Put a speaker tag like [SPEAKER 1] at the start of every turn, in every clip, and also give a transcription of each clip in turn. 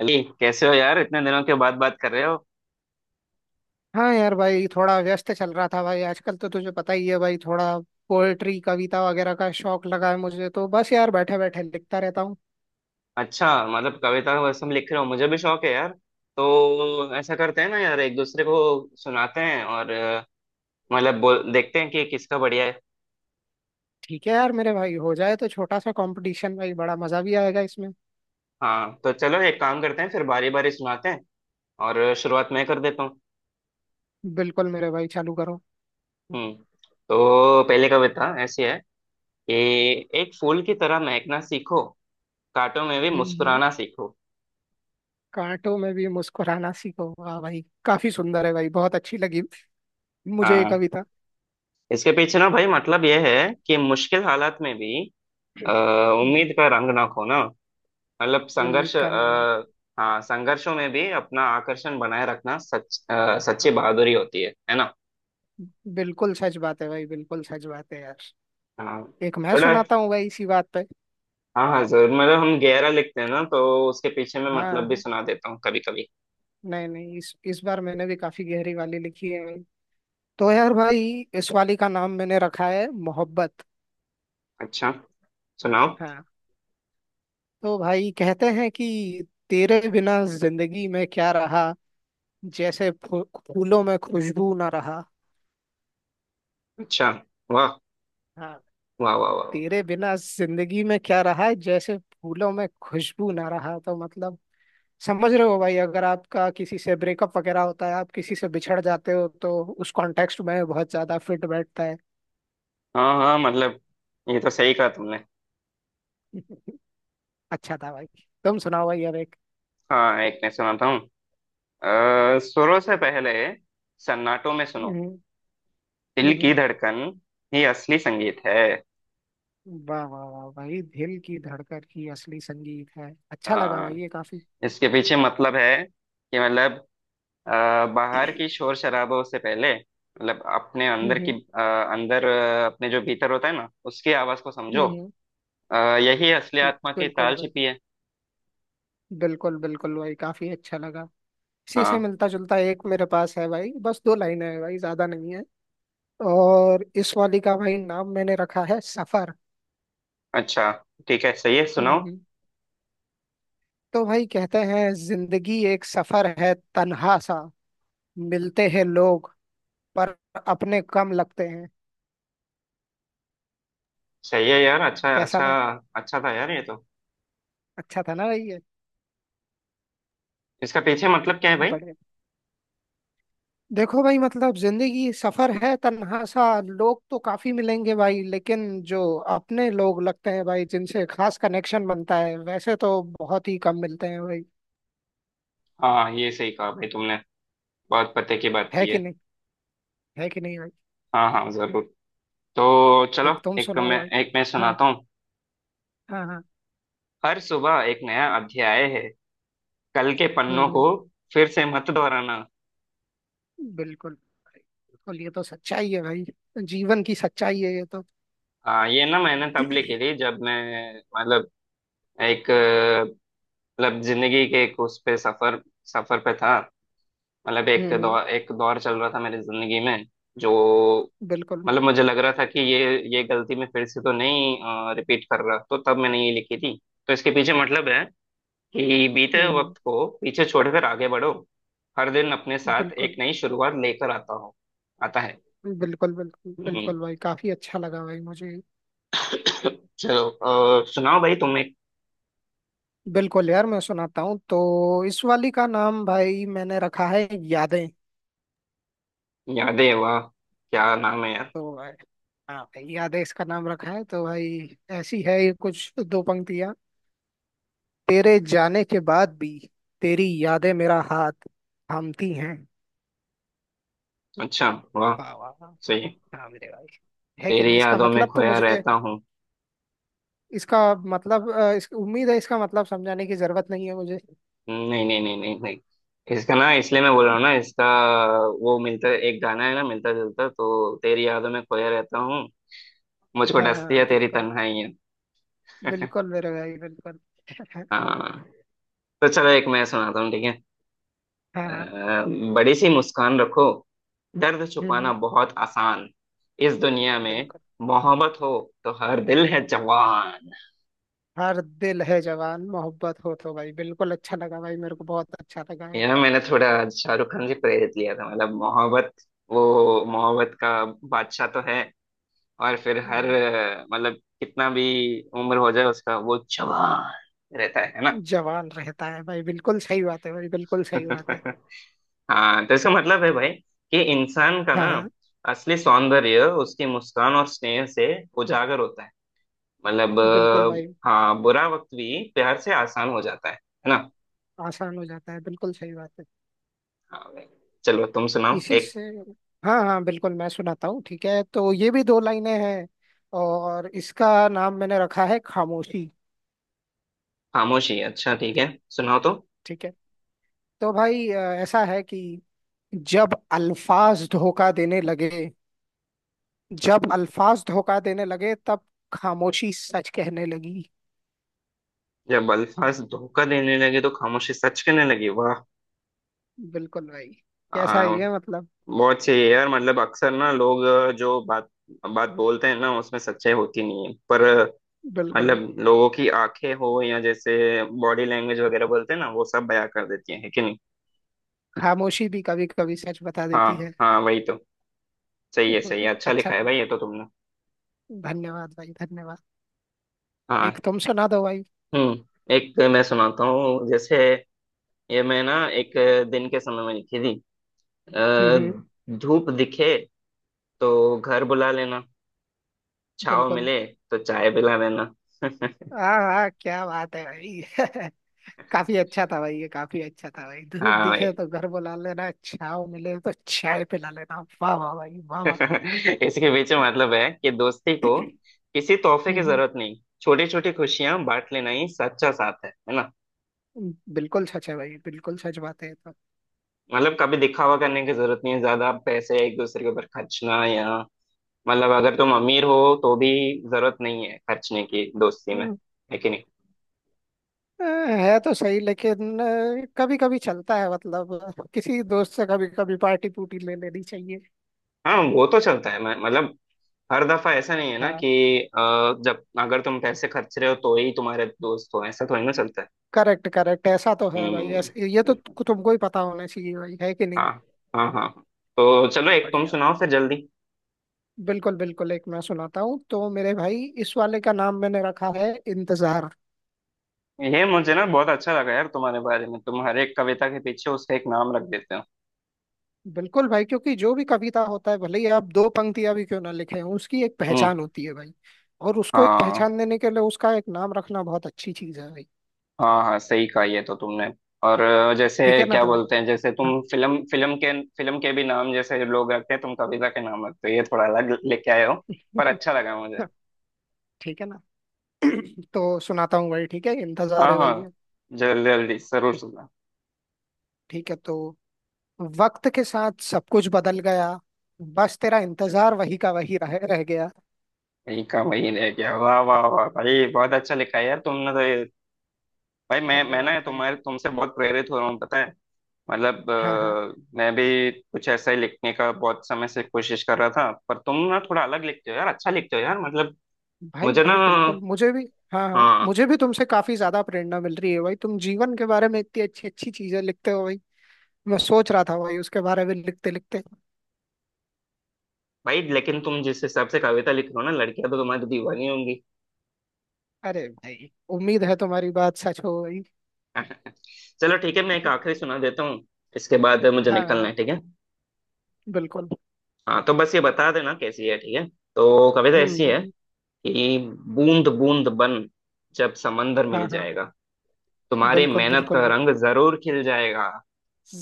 [SPEAKER 1] अली, कैसे हो यार? इतने दिनों के बाद बात कर रहे हो।
[SPEAKER 2] हाँ यार भाई थोड़ा व्यस्त चल रहा था भाई। आजकल तो तुझे पता ही है भाई, थोड़ा पोएट्री कविता वगैरह का शौक लगा है मुझे, तो बस यार बैठे बैठे लिखता रहता हूँ।
[SPEAKER 1] अच्छा, मतलब कविता वसम लिख रहे हो? मुझे भी शौक है यार। तो ऐसा करते हैं ना यार, एक दूसरे को सुनाते हैं और मतलब बोल देखते हैं कि किसका बढ़िया है।
[SPEAKER 2] ठीक है यार मेरे भाई, हो जाए तो छोटा सा कंपटीशन भाई, बड़ा मजा भी आएगा इसमें।
[SPEAKER 1] हाँ, तो चलो एक काम करते हैं, फिर बारी बारी सुनाते हैं और शुरुआत मैं कर देता हूँ।
[SPEAKER 2] बिल्कुल मेरे भाई, चालू करो।
[SPEAKER 1] हम्म। तो पहली कविता ऐसी है कि एक फूल की तरह महकना सीखो, कांटों में भी
[SPEAKER 2] हम्म हम्म।
[SPEAKER 1] मुस्कुराना सीखो।
[SPEAKER 2] कांटों में भी मुस्कुराना सीखो, वाह भाई काफी सुंदर है भाई, बहुत अच्छी लगी मुझे ये
[SPEAKER 1] हाँ,
[SPEAKER 2] कविता।
[SPEAKER 1] इसके पीछे ना भाई मतलब यह है कि मुश्किल हालात में भी अ,
[SPEAKER 2] हम्म,
[SPEAKER 1] उम्मीद
[SPEAKER 2] हम्म।
[SPEAKER 1] का रंग ना खोना। मतलब
[SPEAKER 2] उम्मीद
[SPEAKER 1] संघर्ष,
[SPEAKER 2] का रंग ना
[SPEAKER 1] हाँ, संघर्षों में भी अपना आकर्षण बनाए रखना सच्ची
[SPEAKER 2] फैलाए।
[SPEAKER 1] बहादुरी होती है ना।
[SPEAKER 2] बिल्कुल सच बात है भाई, बिल्कुल सच बात है यार।
[SPEAKER 1] हाँ।
[SPEAKER 2] एक मैं
[SPEAKER 1] बड़ा।
[SPEAKER 2] सुनाता हूँ भाई इसी बात पे।
[SPEAKER 1] हाँ, हाँ, जरूर। मतलब हम गहरा लिखते हैं ना, तो उसके पीछे मैं
[SPEAKER 2] हाँ,
[SPEAKER 1] मतलब भी
[SPEAKER 2] हाँ।
[SPEAKER 1] सुना देता हूँ कभी कभी।
[SPEAKER 2] नहीं नहीं, इस बार मैंने भी काफी गहरी वाली लिखी है भाई। तो यार भाई, इस वाली का नाम मैंने रखा है मोहब्बत।
[SPEAKER 1] अच्छा, सुनाओ।
[SPEAKER 2] हाँ, तो भाई कहते हैं कि तेरे बिना जिंदगी में क्या रहा, जैसे फूलों में खुशबू ना रहा।
[SPEAKER 1] अच्छा, वाह,
[SPEAKER 2] हाँ।
[SPEAKER 1] वाह, वाह, वाह, वाह।
[SPEAKER 2] तेरे बिना जिंदगी में क्या रहा जैसे फूलों में खुशबू ना रहा, तो मतलब समझ रहे हो भाई, अगर आपका किसी से ब्रेकअप वगैरह होता है, आप किसी से बिछड़ जाते हो, तो उस कॉन्टेक्स्ट में बहुत ज्यादा फिट बैठता है।
[SPEAKER 1] हाँ, हाँ, मतलब ये तो सही कहा तुमने।
[SPEAKER 2] अच्छा था भाई, तुम सुनाओ भाई अब एक।
[SPEAKER 1] हाँ, एक मैं सुनाता हूँ। सुरों से पहले सन्नाटों में
[SPEAKER 2] हम्म
[SPEAKER 1] सुनो,
[SPEAKER 2] हम्म।
[SPEAKER 1] दिल की
[SPEAKER 2] हम्म।
[SPEAKER 1] धड़कन ही असली संगीत है।
[SPEAKER 2] वाह वाह वाह भाई, दिल की धड़कन ही असली संगीत है, अच्छा लगा
[SPEAKER 1] हाँ,
[SPEAKER 2] भाई ये काफी।
[SPEAKER 1] इसके पीछे मतलब है कि मतलब अ, बाहर की शोर शराबों से पहले, मतलब अपने अंदर की
[SPEAKER 2] हम्म
[SPEAKER 1] अंदर अपने जो भीतर होता है ना, उसकी आवाज को
[SPEAKER 2] हम्म।
[SPEAKER 1] समझो।
[SPEAKER 2] हम्म।
[SPEAKER 1] यही असली आत्मा की
[SPEAKER 2] बिल्कुल
[SPEAKER 1] ताल
[SPEAKER 2] बिल्कुल।
[SPEAKER 1] छिपी है।
[SPEAKER 2] बिल्कुल बिल्कुल भाई, काफी अच्छा लगा। इसी से
[SPEAKER 1] हाँ,
[SPEAKER 2] मिलता जुलता एक मेरे पास है भाई, बस दो लाइनें हैं भाई, ज्यादा नहीं है। और इस वाली का भाई नाम मैंने रखा है सफर।
[SPEAKER 1] अच्छा, ठीक है, सही है,
[SPEAKER 2] हम्म
[SPEAKER 1] सुनाओ।
[SPEAKER 2] हम्म। तो भाई कहते हैं, जिंदगी एक सफर है तन्हा सा, मिलते हैं लोग पर अपने कम लगते हैं।
[SPEAKER 1] सही है यार, अच्छा,
[SPEAKER 2] कैसा
[SPEAKER 1] अच्छा।
[SPEAKER 2] लगा?
[SPEAKER 1] अच्छा था यार ये तो।
[SPEAKER 2] अच्छा था ना भाई ये?
[SPEAKER 1] इसका पीछे मतलब क्या है भाई?
[SPEAKER 2] बड़े देखो भाई, मतलब जिंदगी सफर है तन्हा सा, लोग तो काफी मिलेंगे भाई, लेकिन जो अपने लोग लगते हैं भाई, जिनसे खास कनेक्शन बनता है, वैसे तो बहुत ही कम मिलते हैं भाई।
[SPEAKER 1] हाँ, ये सही कहा भाई तुमने, बहुत पते की बात
[SPEAKER 2] है
[SPEAKER 1] की
[SPEAKER 2] कि
[SPEAKER 1] है।
[SPEAKER 2] नहीं? है कि नहीं भाई?
[SPEAKER 1] हाँ, हाँ, जरूर। तो
[SPEAKER 2] एक
[SPEAKER 1] चलो
[SPEAKER 2] तुम
[SPEAKER 1] एक
[SPEAKER 2] सुनाओ
[SPEAKER 1] मैं
[SPEAKER 2] भाई।
[SPEAKER 1] एक मैं
[SPEAKER 2] हाँ।
[SPEAKER 1] सुनाता हूँ।
[SPEAKER 2] हाँ हाँ।
[SPEAKER 1] हर सुबह एक नया अध्याय है, कल के पन्नों
[SPEAKER 2] हम्म।
[SPEAKER 1] को फिर से मत दोहराना।
[SPEAKER 2] बिल्कुल भाई, बिल्कुल, ये तो सच्चाई है भाई, जीवन की सच्चाई है ये तो।
[SPEAKER 1] हाँ, ये ना मैंने तब लिखी थी जब मैं मतलब एक, मतलब जिंदगी के एक, उस पे सफर, सफर पे था। मतलब एक
[SPEAKER 2] हम्म।
[SPEAKER 1] दौर एक दौर चल रहा था मेरी जिंदगी में। जो,
[SPEAKER 2] बिल्कुल।
[SPEAKER 1] मतलब मुझे लग रहा था कि ये गलती मैं फिर से तो नहीं रिपीट कर रहा, तो तब मैंने ये लिखी थी। तो इसके पीछे मतलब है कि बीते हुए
[SPEAKER 2] हम्म।
[SPEAKER 1] वक्त को पीछे छोड़कर आगे बढ़ो। हर दिन अपने साथ एक
[SPEAKER 2] बिल्कुल
[SPEAKER 1] नई शुरुआत लेकर आता है।
[SPEAKER 2] बिल्कुल बिल्कुल
[SPEAKER 1] हम्म।
[SPEAKER 2] बिल्कुल भाई, काफी अच्छा लगा भाई मुझे।
[SPEAKER 1] चलो, सुनाओ भाई तुम्हें।
[SPEAKER 2] बिल्कुल यार, मैं सुनाता हूँ तो। इस वाली का नाम भाई मैंने रखा है यादें।
[SPEAKER 1] यादें, वाह। क्या नाम है यार!
[SPEAKER 2] तो भाई, हाँ भाई यादें इसका नाम रखा है, तो भाई ऐसी है ये कुछ दो पंक्तियाँ। तेरे जाने के बाद भी तेरी यादें मेरा हाथ थामती हैं।
[SPEAKER 1] अच्छा, वाह।
[SPEAKER 2] वाह वाह वाह।
[SPEAKER 1] सही है।
[SPEAKER 2] हाँ मेरे भाई। है कि नहीं?
[SPEAKER 1] तेरी
[SPEAKER 2] इसका
[SPEAKER 1] यादों में
[SPEAKER 2] मतलब तो
[SPEAKER 1] खोया
[SPEAKER 2] मुझे,
[SPEAKER 1] रहता हूँ।
[SPEAKER 2] इसका मतलब उम्मीद है इसका मतलब समझाने की जरूरत नहीं है मुझे।
[SPEAKER 1] नहीं, नहीं, नहीं, नहीं, नहीं, इसका ना, इसलिए मैं बोल रहा हूँ ना, इसका वो मिलता एक गाना है ना मिलता जुलता, तो तेरी यादों में खोया रहता हूँ, मुझको
[SPEAKER 2] हाँ
[SPEAKER 1] डसती
[SPEAKER 2] हाँ,
[SPEAKER 1] है तेरी
[SPEAKER 2] बिल्कुल।
[SPEAKER 1] तन्हाई है।
[SPEAKER 2] बिल्कुल मेरे भाई, बिल्कुल।
[SPEAKER 1] हाँ, तो चलो एक मैं सुनाता हूँ, ठीक है।
[SPEAKER 2] हाँ हाँ।
[SPEAKER 1] अ, बड़ी सी मुस्कान रखो, दर्द
[SPEAKER 2] हम्म
[SPEAKER 1] छुपाना
[SPEAKER 2] हम्म,
[SPEAKER 1] बहुत आसान, इस दुनिया में
[SPEAKER 2] बिल्कुल।
[SPEAKER 1] मोहब्बत हो तो हर दिल है जवान।
[SPEAKER 2] हर दिल है जवान, मोहब्बत हो तो भाई, बिल्कुल अच्छा लगा भाई, मेरे को बहुत अच्छा लगा है।
[SPEAKER 1] यार, मैंने थोड़ा शाहरुख खान से प्रेरित लिया था, मतलब मोहब्बत, वो मोहब्बत का बादशाह तो है। और फिर हर
[SPEAKER 2] हम्म।
[SPEAKER 1] मतलब कितना भी उम्र हो जाए उसका, वो जवान रहता है ना।
[SPEAKER 2] जवान रहता है भाई, बिल्कुल सही बात है भाई, बिल्कुल सही बात है।
[SPEAKER 1] हाँ, तो इसका मतलब है भाई कि इंसान का
[SPEAKER 2] हाँ
[SPEAKER 1] ना
[SPEAKER 2] हाँ,
[SPEAKER 1] असली सौंदर्य उसकी मुस्कान और स्नेह से उजागर होता है। मतलब
[SPEAKER 2] बिल्कुल भाई,
[SPEAKER 1] हाँ, बुरा वक्त भी प्यार से आसान हो जाता है ना।
[SPEAKER 2] आसान हो जाता है, बिल्कुल सही बात है।
[SPEAKER 1] हाँ भाई। चलो तुम सुनाओ
[SPEAKER 2] इसी
[SPEAKER 1] एक।
[SPEAKER 2] से हाँ हाँ बिल्कुल, मैं सुनाता हूँ ठीक है, तो ये भी दो लाइनें हैं, और इसका नाम मैंने रखा है खामोशी।
[SPEAKER 1] खामोशी, अच्छा, ठीक है, सुनाओ तो।
[SPEAKER 2] ठीक है, तो भाई ऐसा है कि जब अल्फाज धोखा देने लगे, जब अल्फाज धोखा देने लगे, तब खामोशी सच कहने लगी।
[SPEAKER 1] जब अल्फाज धोखा देने लगे तो खामोशी सच कहने लगी, वाह।
[SPEAKER 2] बिल्कुल भाई। कैसा है
[SPEAKER 1] आ,
[SPEAKER 2] ये, मतलब?
[SPEAKER 1] बहुत सही है यार। मतलब अक्सर ना लोग जो बात बात बोलते हैं ना, उसमें सच्चाई होती नहीं है, पर
[SPEAKER 2] बिल्कुल,
[SPEAKER 1] मतलब लोगों की आंखें हो या जैसे बॉडी लैंग्वेज वगैरह बोलते हैं ना, वो सब बयां कर देती हैं, है कि नहीं।
[SPEAKER 2] खामोशी भी कभी कभी सच बता
[SPEAKER 1] हाँ,
[SPEAKER 2] देती है।
[SPEAKER 1] हाँ, वही तो। सही है, सही है, अच्छा
[SPEAKER 2] अच्छा
[SPEAKER 1] लिखा है
[SPEAKER 2] लगा।
[SPEAKER 1] भाई ये तो तुमने।
[SPEAKER 2] धन्यवाद भाई, धन्यवाद।
[SPEAKER 1] हाँ।
[SPEAKER 2] एक तुम सुना दो भाई।
[SPEAKER 1] हम्म, एक मैं सुनाता हूँ जैसे। ये मैं ना एक दिन के समय में लिखी थी।
[SPEAKER 2] हम्म हम्म,
[SPEAKER 1] धूप दिखे तो घर बुला लेना, छाव
[SPEAKER 2] बिल्कुल।
[SPEAKER 1] मिले तो चाय पिला देना।
[SPEAKER 2] हाँ हाँ, क्या बात है भाई। काफी अच्छा था भाई ये, काफी अच्छा था भाई। धूप
[SPEAKER 1] हाँ भाई।
[SPEAKER 2] दिखे तो घर बुला लेना, छाव मिले तो चाय पिला लेना, वाह वाह भाई वाह वाह।
[SPEAKER 1] इसके पीछे मतलब है कि दोस्ती को किसी तोहफे की
[SPEAKER 2] हम्म
[SPEAKER 1] जरूरत नहीं, छोटी छोटी खुशियां बांट लेना ही सच्चा साथ है ना।
[SPEAKER 2] बिल्कुल सच है भाई, बिल्कुल सच बात है ये
[SPEAKER 1] मतलब कभी दिखावा करने की जरूरत नहीं है, ज्यादा पैसे एक दूसरे के ऊपर खर्चना, या मतलब अगर तुम अमीर हो तो भी जरूरत नहीं है खर्चने की दोस्ती में,
[SPEAKER 2] तो।
[SPEAKER 1] है कि नहीं।
[SPEAKER 2] है तो सही, लेकिन कभी कभी चलता है, मतलब किसी दोस्त से कभी कभी पार्टी पूटी ले लेनी चाहिए।
[SPEAKER 1] हाँ, वो तो चलता है, मैं मतलब हर दफा ऐसा नहीं है ना
[SPEAKER 2] हाँ।
[SPEAKER 1] कि अ, जब अगर तुम पैसे खर्च रहे हो तो ही तुम्हारे दोस्त हो, ऐसा थोड़ी ना चलता है।
[SPEAKER 2] करेक्ट करेक्ट, ऐसा तो है भाई,
[SPEAKER 1] हम्म।
[SPEAKER 2] ऐसे ये तो तुमको ही पता होना चाहिए भाई, है कि नहीं?
[SPEAKER 1] हाँ, हाँ। हाँ, तो चलो एक तुम
[SPEAKER 2] बढ़िया भाई।
[SPEAKER 1] सुनाओ फिर जल्दी।
[SPEAKER 2] बिल्कुल बिल्कुल, एक मैं सुनाता हूँ तो मेरे भाई, इस वाले का नाम मैंने रखा है इंतजार।
[SPEAKER 1] ये मुझे ना बहुत अच्छा लगा यार तुम्हारे बारे में, तुम हर एक कविता के पीछे उसका एक नाम रख देते हो।
[SPEAKER 2] बिल्कुल भाई, क्योंकि जो भी कविता होता है, भले ही आप दो पंक्तियां भी क्यों ना लिखे हों, उसकी एक
[SPEAKER 1] हम्म।
[SPEAKER 2] पहचान होती है भाई। और उसको एक
[SPEAKER 1] हाँ,
[SPEAKER 2] पहचान देने के लिए उसका एक नाम रखना बहुत अच्छी चीज है भाई।
[SPEAKER 1] हाँ, हाँ, सही कहा ये तो तुमने। और
[SPEAKER 2] ठीक
[SPEAKER 1] जैसे
[SPEAKER 2] है ना
[SPEAKER 1] क्या
[SPEAKER 2] तुम्हें।
[SPEAKER 1] बोलते हैं, जैसे
[SPEAKER 2] हाँ।
[SPEAKER 1] तुम फिल्म फिल्म के भी नाम जैसे लोग रखते हैं, तुम कविता के नाम रखते हो, ये थोड़ा अलग लेके आए हो। पर अच्छा लगा मुझे।
[SPEAKER 2] ठीक है ना। तो सुनाता हूँ भाई, ठीक है
[SPEAKER 1] हाँ,
[SPEAKER 2] इंतजार है
[SPEAKER 1] हाँ,
[SPEAKER 2] भैया।
[SPEAKER 1] जल्दी जल्दी जरूर सुनना।
[SPEAKER 2] ठीक है, तो वक्त के साथ सब कुछ बदल गया, बस तेरा इंतजार वही का वही रह रह गया।
[SPEAKER 1] यही काम वही रह गया, वाह, वाह, वाह भाई, बहुत अच्छा लिखा है यार तुमने तो ये। भाई, मैं ना
[SPEAKER 2] धन्यवाद भाई।
[SPEAKER 1] तुम्हारे तुमसे बहुत प्रेरित हो रहा हूँ, पता है। मतलब
[SPEAKER 2] हाँ हाँ,
[SPEAKER 1] मैं भी कुछ ऐसा ही लिखने का बहुत समय से कोशिश कर रहा था, पर तुम ना थोड़ा अलग लिखते हो यार, अच्छा लिखते हो यार, मतलब।
[SPEAKER 2] भाई
[SPEAKER 1] मुझे ना।
[SPEAKER 2] भाई बिल्कुल, मुझे भी। हाँ हाँ,
[SPEAKER 1] हाँ
[SPEAKER 2] मुझे भी तुमसे काफी ज्यादा प्रेरणा मिल रही है भाई, तुम जीवन के बारे में इतनी अच्छी अच्छी चीजें लिखते हो भाई। मैं सोच रहा था भाई उसके बारे में लिखते लिखते।
[SPEAKER 1] भाई, लेकिन तुम जिस हिसाब से कविता लिख रहे हो ना, लड़कियां तो तुम्हारी तो दीवानी होंगी।
[SPEAKER 2] अरे भाई, उम्मीद है तुम्हारी बात सच हो भाई।
[SPEAKER 1] चलो, ठीक है, मैं एक आखिरी सुना देता हूँ, इसके बाद मुझे
[SPEAKER 2] हाँ
[SPEAKER 1] निकलना
[SPEAKER 2] हाँ,
[SPEAKER 1] है, ठीक है।
[SPEAKER 2] बिल्कुल।
[SPEAKER 1] हाँ, तो बस ये बता देना कैसी है, ठीक है। तो कविता ऐसी है
[SPEAKER 2] हम्म।
[SPEAKER 1] कि बूंद बूंद बन जब समंदर
[SPEAKER 2] हाँ
[SPEAKER 1] मिल
[SPEAKER 2] हाँ।
[SPEAKER 1] जाएगा, तुम्हारी
[SPEAKER 2] बिल्कुल
[SPEAKER 1] मेहनत
[SPEAKER 2] बिल्कुल,
[SPEAKER 1] का रंग जरूर खिल जाएगा।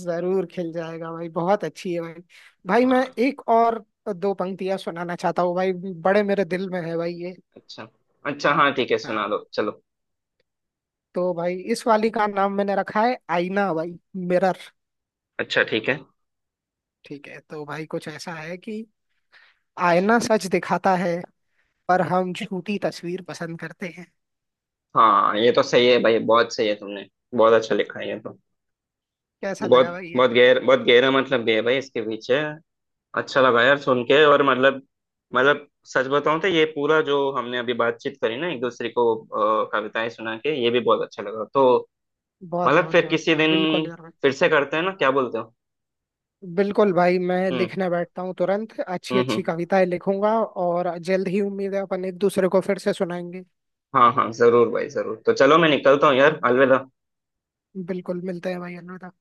[SPEAKER 2] जरूर खिल जाएगा भाई, बहुत अच्छी है भाई। भाई मैं
[SPEAKER 1] हाँ,
[SPEAKER 2] एक और दो पंक्तियां सुनाना चाहता हूँ भाई, बड़े मेरे दिल में है भाई ये।
[SPEAKER 1] अच्छा, अच्छा, हाँ, ठीक है, सुना
[SPEAKER 2] हाँ,
[SPEAKER 1] दो चलो।
[SPEAKER 2] तो भाई इस वाली का नाम मैंने रखा है आईना भाई, मिरर।
[SPEAKER 1] अच्छा, ठीक है।
[SPEAKER 2] ठीक है, तो भाई कुछ ऐसा है कि आईना सच दिखाता है, पर हम झूठी तस्वीर पसंद करते हैं।
[SPEAKER 1] हाँ, ये तो सही है भाई, बहुत सही है तुमने, बहुत अच्छा लिखा है ये तो।
[SPEAKER 2] कैसा लगा
[SPEAKER 1] बहुत
[SPEAKER 2] भाई ये?
[SPEAKER 1] बहुत गहर बहुत गहरा मतलब भी है भाई इसके पीछे। अच्छा लगा यार सुन के, और मतलब सच बताऊं तो ये पूरा जो हमने अभी बातचीत करी ना, एक दूसरे को कविताएं सुना के, ये भी बहुत अच्छा लगा तो।
[SPEAKER 2] बहुत
[SPEAKER 1] मतलब
[SPEAKER 2] बहुत
[SPEAKER 1] फिर
[SPEAKER 2] बहुत
[SPEAKER 1] किसी
[SPEAKER 2] बहुत
[SPEAKER 1] दिन
[SPEAKER 2] बिल्कुल यार भाई।
[SPEAKER 1] फिर से करते हैं ना, क्या बोलते हो?
[SPEAKER 2] बिल्कुल भाई, मैं
[SPEAKER 1] हम्म,
[SPEAKER 2] लिखने बैठता हूँ तुरंत, अच्छी
[SPEAKER 1] हम्म,
[SPEAKER 2] अच्छी
[SPEAKER 1] हम्म।
[SPEAKER 2] कविताएं लिखूंगा, और जल्द ही उम्मीद है अपन एक दूसरे को फिर से सुनाएंगे।
[SPEAKER 1] हाँ, हाँ, जरूर भाई जरूर, तो चलो मैं निकलता हूँ यार, अलविदा।
[SPEAKER 2] बिल्कुल, मिलते हैं भाई, अलविदा।